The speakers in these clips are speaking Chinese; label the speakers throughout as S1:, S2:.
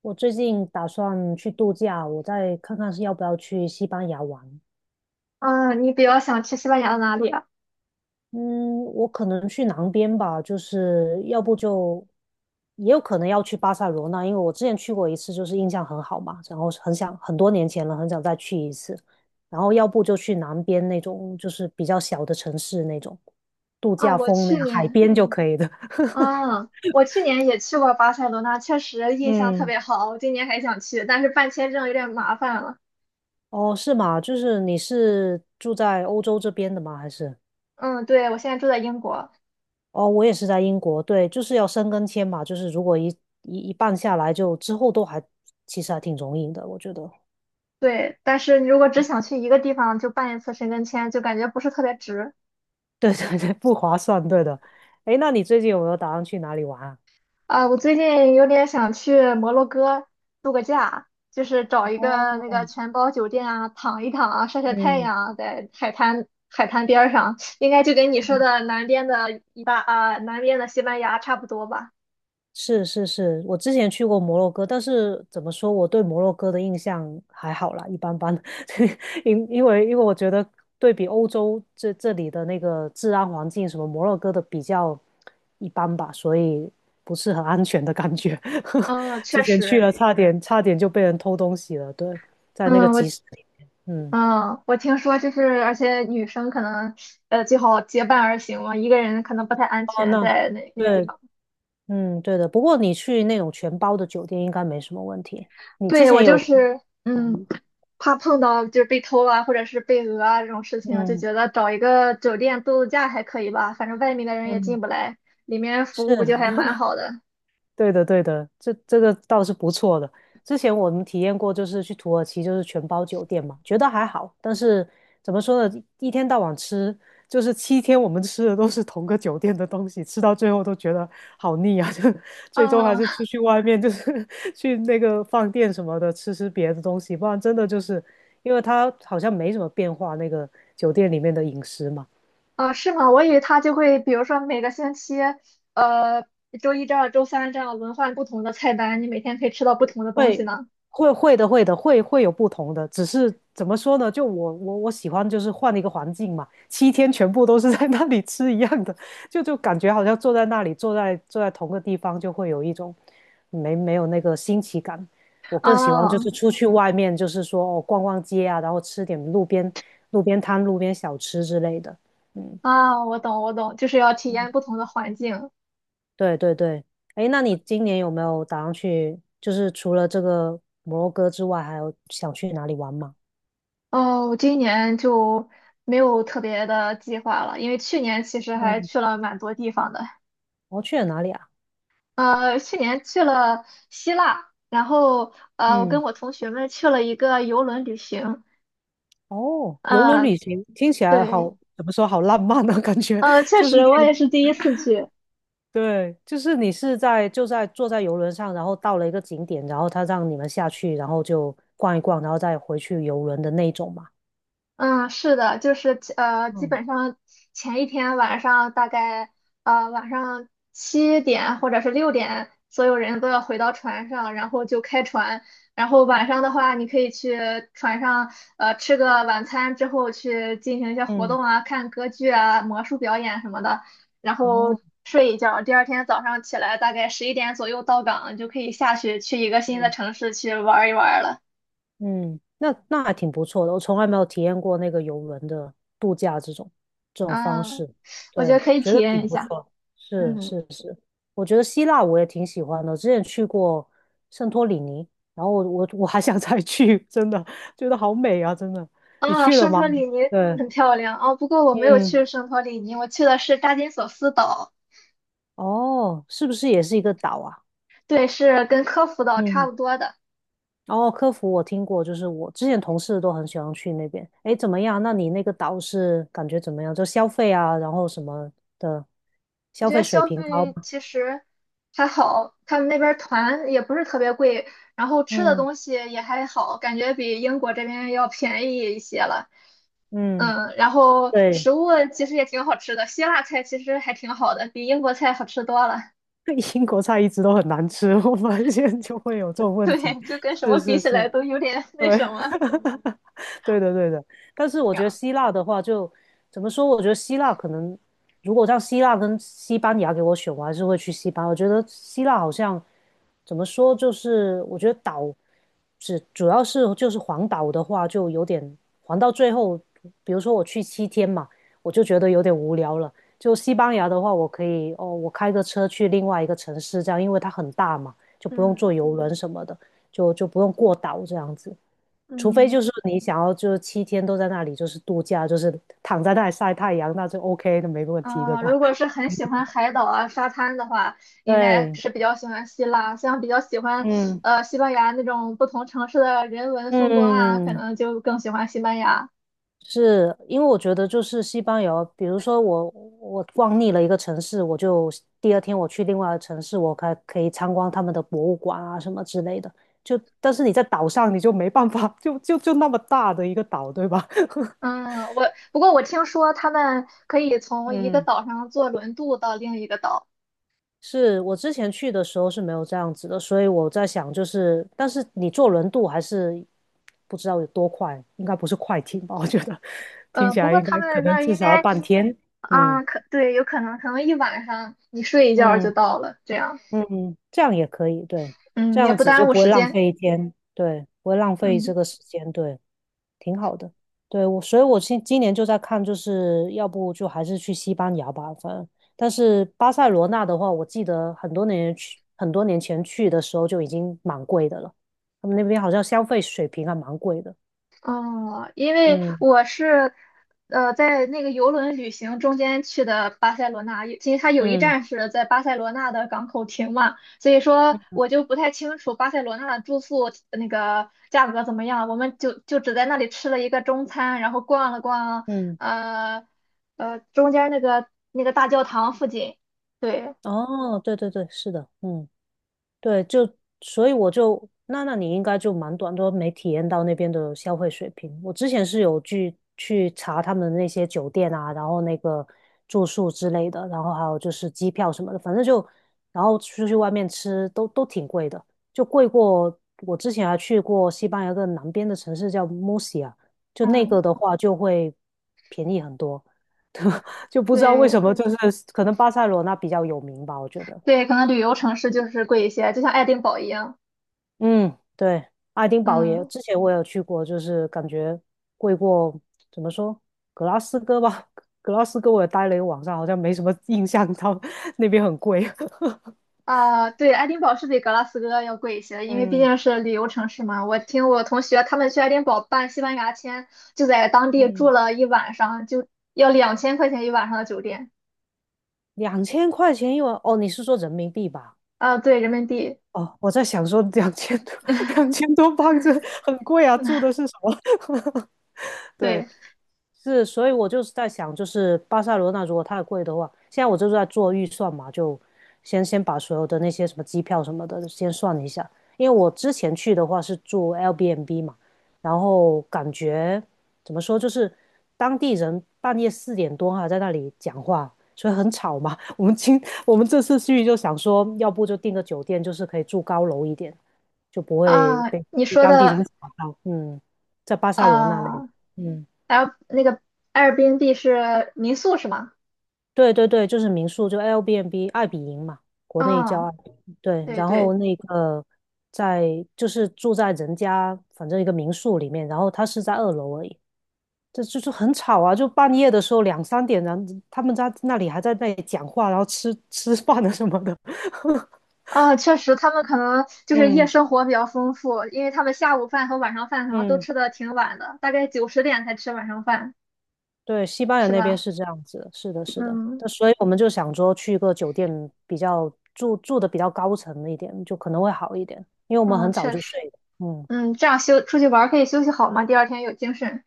S1: 我最近打算去度假，我再看看是要不要去西班牙玩。
S2: 嗯，你比较想去西班牙的哪里啊？
S1: 嗯，我可能去南边吧，就是要不就也有可能要去巴塞罗那，因为我之前去过一次，就是印象很好嘛，然后很想很多年前了，很想再去一次。然后要不就去南边那种，就是比较小的城市那种度
S2: 啊，
S1: 假
S2: 我
S1: 风那
S2: 去
S1: 样，海
S2: 年，
S1: 边就可以的。
S2: 嗯，我去年也去过巴塞罗那，确实印象特
S1: 嗯，
S2: 别好。我今年还想去，但是办签证有点麻烦了。
S1: 哦，是吗？就是你是住在欧洲这边的吗？还是？
S2: 嗯，对，我现在住在英国。
S1: 哦，我也是在英国，对，就是要申根签嘛，就是如果一半下来就，之后都还其实还挺容易的，我觉得。
S2: 对，但是你如果只想去一个地方就办一次申根签，就感觉不是特别值。
S1: 对对对，不划算，对的。诶，那你最近有没有打算去哪里玩啊？
S2: 啊，我最近有点想去摩洛哥度个假，就是找一
S1: 哦，
S2: 个那个全包酒店啊，躺一躺啊，晒晒太
S1: 嗯，
S2: 阳啊，在海滩边儿上，应该就跟你说的南边的西班牙差不多吧。
S1: 是是是，我之前去过摩洛哥，但是怎么说，我对摩洛哥的印象还好啦，一般般。因为我觉得对比欧洲这里的那个治安环境，什么摩洛哥的比较一般吧，所以不是很安全的感觉。
S2: 嗯，确
S1: 之前去
S2: 实。
S1: 了，差点就被人偷东西了，对，在那个
S2: 嗯，我
S1: 集市里面。嗯，
S2: 嗯，我听说就是，而且女生可能最好结伴而行嘛，一个人可能不太安
S1: 哦，
S2: 全
S1: 那
S2: 在那个地
S1: 对，
S2: 方。
S1: 嗯，对的。不过你去那种全包的酒店应该没什么问题。你之
S2: 对，我
S1: 前
S2: 就
S1: 有，
S2: 是。嗯。怕碰到就是被偷啊，或者是被讹啊这种事情，就
S1: 嗯
S2: 觉得找一个酒店度假还可以吧，反正外面的人也
S1: 嗯。
S2: 进不来，里面服
S1: 是，
S2: 务不就还蛮好的。
S1: 对的，对的，这个倒是不错的。之前我们体验过，就是去土耳其，就是全包酒店嘛，觉得还好。但是怎么说呢，一天到晚吃，就是七天我们吃的都是同个酒店的东西，吃到最后都觉得好腻啊！就最终还是
S2: 啊
S1: 出去外面，就是 去那个饭店什么的吃吃别的东西，不然真的就是因为它好像没什么变化，那个酒店里面的饮食嘛。
S2: 啊，是吗？我以为他就会，比如说每个星期，呃，周一这样，周三这样轮换不同的菜单，你每天可以吃到不同的东西
S1: 会
S2: 呢。
S1: 会会的，会的，会有不同的，只是怎么说呢？就我喜欢就是换一个环境嘛，七天全部都是在那里吃一样的，就感觉好像坐在那里，坐在同个地方，就会有一种没有那个新奇感。我更喜欢就
S2: 啊
S1: 是出去外面，就是说哦逛逛街啊，然后吃点路边摊、路边小吃之类的。嗯，
S2: 啊，我懂，我懂，就是要体验不同的环境。
S1: 对对对，哎，那你今年有没有打算去？就是除了这个摩洛哥之外，还有想去哪里玩吗？
S2: 哦，我今年就没有特别的计划了，因为去年其实还
S1: 嗯，
S2: 去了蛮多地方的。
S1: 哦，去了哪里啊？
S2: 去年去了希腊，然后我跟
S1: 嗯，
S2: 我同学们去了一个游轮旅行。
S1: 哦，游轮
S2: 呃，
S1: 旅行听起来
S2: 对，
S1: 好，怎么说好浪漫呢？感觉
S2: 确
S1: 就是
S2: 实我
S1: 那
S2: 也
S1: 种
S2: 是第一次去。
S1: 对，就是你是在就在坐在游轮上，然后到了一个景点，然后他让你们下去，然后就逛一逛，然后再回去游轮的那种嘛。
S2: 嗯，是的，就是基
S1: 嗯，
S2: 本上前一天晚上大概晚上7点或者是6点，所有人都要回到船上，然后就开船。然后晚上的话，你可以去船上吃个晚餐之后去进行一些活
S1: 嗯，
S2: 动啊，看歌剧啊、魔术表演什么的，然后
S1: 哦，
S2: 睡一觉。第二天早上起来大概十一点左右到港，就可以下去去一个新的城市去玩一玩了。
S1: 嗯，那还挺不错的，我从来没有体验过那个游轮的度假这种方
S2: 嗯，
S1: 式，
S2: 我觉
S1: 对，
S2: 得可以
S1: 觉
S2: 体
S1: 得
S2: 验
S1: 挺
S2: 一
S1: 不
S2: 下。
S1: 错。是
S2: 嗯。
S1: 是是，我觉得希腊我也挺喜欢的，之前去过圣托里尼，然后我还想再去，真的觉得好美啊，真的。你
S2: 啊，
S1: 去了
S2: 圣
S1: 吗？
S2: 托里尼
S1: 对，
S2: 很漂亮啊，不过我没有
S1: 嗯，
S2: 去圣托里尼，我去的是大金索斯岛，
S1: 哦，是不是也是一个岛啊？
S2: 对，是跟科孚岛差
S1: 嗯。
S2: 不多的。
S1: 哦，科服我听过，就是我之前同事都很喜欢去那边。诶，怎么样？那你那个岛是感觉怎么样？就消费啊，然后什么的，
S2: 我
S1: 消
S2: 觉
S1: 费
S2: 得
S1: 水
S2: 消
S1: 平高
S2: 费
S1: 吗？
S2: 其实还好，他们那边儿团也不是特别贵，然后吃的
S1: 嗯
S2: 东西也还好，感觉比英国这边要便宜一些了。
S1: 嗯，
S2: 嗯，然后
S1: 对，
S2: 食物其实也挺好吃的，希腊菜其实还挺好的，比英国菜好吃多了。
S1: 英国菜一直都很难吃，我发现就会有这 种问题。
S2: 对，就跟什么
S1: 是
S2: 比
S1: 是
S2: 起来
S1: 是，
S2: 都有点那
S1: 对，
S2: 什么。
S1: 对的，对的。但是 我
S2: 然
S1: 觉得
S2: 后，
S1: 希腊的话就，怎么说？我觉得希腊可能，如果让希腊跟西班牙给我选，我还是会去西班牙。我觉得希腊好像怎么说，就是我觉得岛只主要是就是环岛的话，就有点环到最后，比如说我去七天嘛，我就觉得有点无聊了。就西班牙的话，我可以哦，我开个车去另外一个城市，这样因为它很大嘛，就不用坐
S2: 嗯
S1: 游轮什么的，就不用过岛这样子。除非就
S2: 嗯。
S1: 是你想要就是七天都在那里就是度假，就是躺在那里晒太阳，那就 OK 的，没问题，对
S2: 嗯，
S1: 吧？
S2: 如果是很喜欢海岛啊、沙滩的话，应该
S1: 对，
S2: 是比较喜欢希腊。像比较喜欢
S1: 嗯
S2: 西班牙那种不同城市的人文风光啊，可
S1: 嗯，
S2: 能就更喜欢西班牙。
S1: 是因为我觉得就是西班牙，比如说我逛腻了一个城市，我就第二天我去另外的城市，我可以参观他们的博物馆啊什么之类的。就但是你在岛上你就没办法，就那么大的一个岛，对吧？
S2: 嗯，不过我听说他们可以从一个
S1: 嗯，
S2: 岛上坐轮渡到另一个岛。
S1: 是我之前去的时候是没有这样子的，所以我在想，就是但是你坐轮渡还是不知道有多快，应该不是快艇吧？我觉得听起
S2: 不
S1: 来
S2: 过
S1: 应
S2: 他
S1: 该可
S2: 们那
S1: 能
S2: 儿
S1: 至
S2: 应
S1: 少要
S2: 该。
S1: 半天。嗯
S2: 啊，可对，有可能一晚上你睡一觉就
S1: 嗯
S2: 到了，这样，
S1: 嗯，这样也可以，对，这
S2: 嗯，也
S1: 样
S2: 不
S1: 子就
S2: 耽误
S1: 不会
S2: 时
S1: 浪
S2: 间。
S1: 费一天，对，不会浪费这
S2: 嗯。
S1: 个时间，对。挺好的。对，我，所以我今年就在看，就是要不就还是去西班牙吧，反正。但是巴塞罗那的话，我记得很多年前去的时候就已经蛮贵的了。他们那边好像消费水平还蛮贵的。
S2: 哦，因为
S1: 嗯
S2: 我是在那个游轮旅行中间去的巴塞罗那，其实它有一
S1: 嗯
S2: 站是在巴塞罗那的港口停嘛，所以说
S1: 嗯
S2: 我就不太清楚巴塞罗那的住宿那个价格怎么样，我们就只在那里吃了一个中餐，然后逛了逛
S1: 嗯，
S2: 呃中间那个大教堂附近，对，
S1: 哦，对对对，是的，嗯。对，就所以我就那你应该就蛮短都没体验到那边的消费水平。我之前是有去查他们那些酒店啊，然后那个住宿之类的，然后还有就是机票什么的，反正就然后出去外面吃都挺贵的，就贵过我之前还去过西班牙一个南边的城市叫 Muria 就那
S2: 嗯，
S1: 个的话就会便宜很多，就不知道为
S2: 对
S1: 什么，就是可能巴塞罗那比较有名吧，我觉得。
S2: 对，可能旅游城市就是贵一些，就像爱丁堡一样。
S1: 嗯，对，爱丁堡也，
S2: 嗯。
S1: 之前我有去过，就是感觉贵过，怎么说，格拉斯哥吧，格拉斯哥我也待了一个晚上，好像没什么印象，到 那边很贵。
S2: 啊，对，爱丁堡是比格拉斯哥要贵一些，因为毕
S1: 嗯
S2: 竟是旅游城市嘛。我听我同学他们去爱丁堡办西班牙签，就在当地住
S1: 嗯，
S2: 了一晚上，就要2000块钱一晚上的酒店。
S1: 2000块钱一晚，哦，你是说人民币吧？
S2: 啊，对，人民币。
S1: 哦，我在想说两千多，2000多镑这很贵啊，住的是什么？对，
S2: 对
S1: 是，所以我就是在想，就是巴塞罗那如果太贵的话，现在我就是在做预算嘛，就先把所有的那些什么机票什么的先算一下，因为我之前去的话是住 L b M b 嘛，然后感觉怎么说，就是当地人半夜4点多还在那里讲话，所以很吵嘛。我们这次去就想说，要不就订个酒店，就是可以住高楼一点，就不会
S2: 啊，
S1: 被
S2: 你
S1: 被
S2: 说
S1: 当地
S2: 的
S1: 人吵到。嗯，在巴塞罗那那里，
S2: 啊
S1: 嗯。
S2: ，L 那个 a i r b 是民宿是吗？
S1: 对对对，就是民宿，就 Airbnb 爱彼迎嘛，国内叫
S2: 嗯，
S1: 爱彼迎。对，
S2: 对
S1: 然后
S2: 对。
S1: 那个在就是住在人家反正一个民宿里面，然后他是在2楼而已，这就是很吵啊，就半夜的时候两三点，然后他们在那里还在那里讲话，然后吃吃饭啊什么的。
S2: 啊，确实，他们可能就是夜
S1: 嗯
S2: 生活比较丰富，因为他们下午饭和晚上饭可能都
S1: 嗯，
S2: 吃的挺晚的，大概9、10点才吃晚上饭，
S1: 对，西班牙
S2: 是
S1: 那边
S2: 吧？
S1: 是这样子的是的，是的。
S2: 嗯。
S1: 那所以我们就想说去一个酒店比较住的比较高层一点，就可能会好一点，因为我们
S2: 嗯，
S1: 很早
S2: 确
S1: 就
S2: 实，
S1: 睡了嗯。
S2: 嗯，这样休出去玩儿可以休息好嘛，第二天有精神。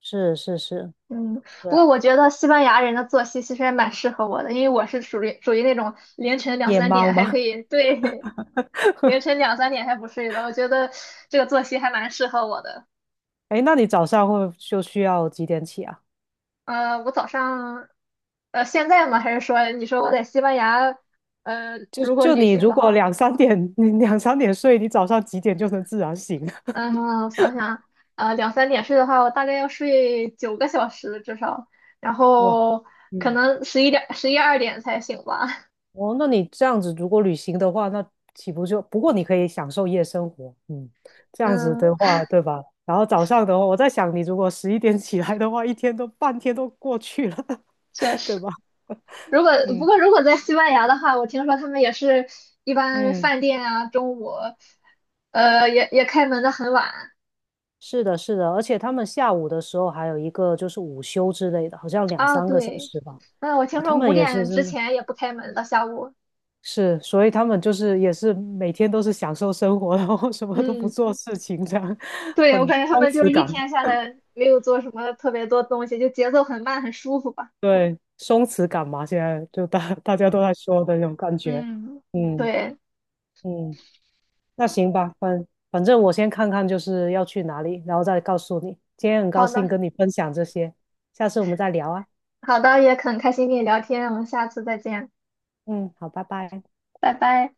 S1: 是是是，
S2: 嗯，
S1: 对
S2: 不
S1: 啊，
S2: 过我觉得西班牙人的作息其实还蛮适合我的，因为我是属于那种凌晨两
S1: 夜
S2: 三点
S1: 猫
S2: 还可
S1: 吗？
S2: 以，对。凌晨2、3点还不睡的，我觉得这个作息还蛮适合我的。
S1: 哎，那你早上会就需要几点起啊？
S2: 我早上，现在吗？还是说你说我在西班牙，
S1: 就
S2: 如果
S1: 就
S2: 旅
S1: 你
S2: 行
S1: 如
S2: 的
S1: 果
S2: 话？
S1: 两三点，你两三点睡，你早上几点就能自然醒了？
S2: 嗯，我想想，两三点睡的话，我大概要睡9个小时至少，然
S1: 哇，
S2: 后可
S1: 嗯，
S2: 能十一点、11、12点才醒吧。
S1: 哦，那你这样子如果旅行的话，那岂不就，不过你可以享受夜生活，嗯，这样子的
S2: 嗯，
S1: 话，对吧？然后早上的话，我在想，你如果11点起来的话，一天都半天都过去了，
S2: 确
S1: 对
S2: 实。
S1: 吧？
S2: 如果不
S1: 嗯
S2: 过如果在西班牙的话，我听说他们也是一般
S1: 嗯。
S2: 饭店啊，中午，也开门的很晚
S1: 是的，是的，而且他们下午的时候还有一个就是午休之类的，好像两
S2: 啊。
S1: 三个小
S2: 对。
S1: 时吧。
S2: 嗯，我
S1: 哇，
S2: 听
S1: 他
S2: 说五
S1: 们也是
S2: 点之
S1: 真的
S2: 前也不开门的，下午。
S1: 是，所以他们就是也是每天都是享受生活，然后什么都不
S2: 嗯，
S1: 做事情，这样
S2: 对，
S1: 很
S2: 我感觉他
S1: 松
S2: 们就
S1: 弛
S2: 是一
S1: 感。
S2: 天下来没有做什么特别多东西，就节奏很慢，很舒服吧。
S1: 对，松弛感嘛，现在就大家都在说的那种感觉。
S2: 嗯，
S1: 嗯
S2: 对，
S1: 嗯，那行吧，反正我先看看就是要去哪里，然后再告诉你。今天很高
S2: 好
S1: 兴
S2: 的，
S1: 跟你分享这些，下次我们再聊啊。
S2: 好的，也很开心跟你聊天，我们下次再见，
S1: 嗯，好，拜拜。
S2: 拜拜。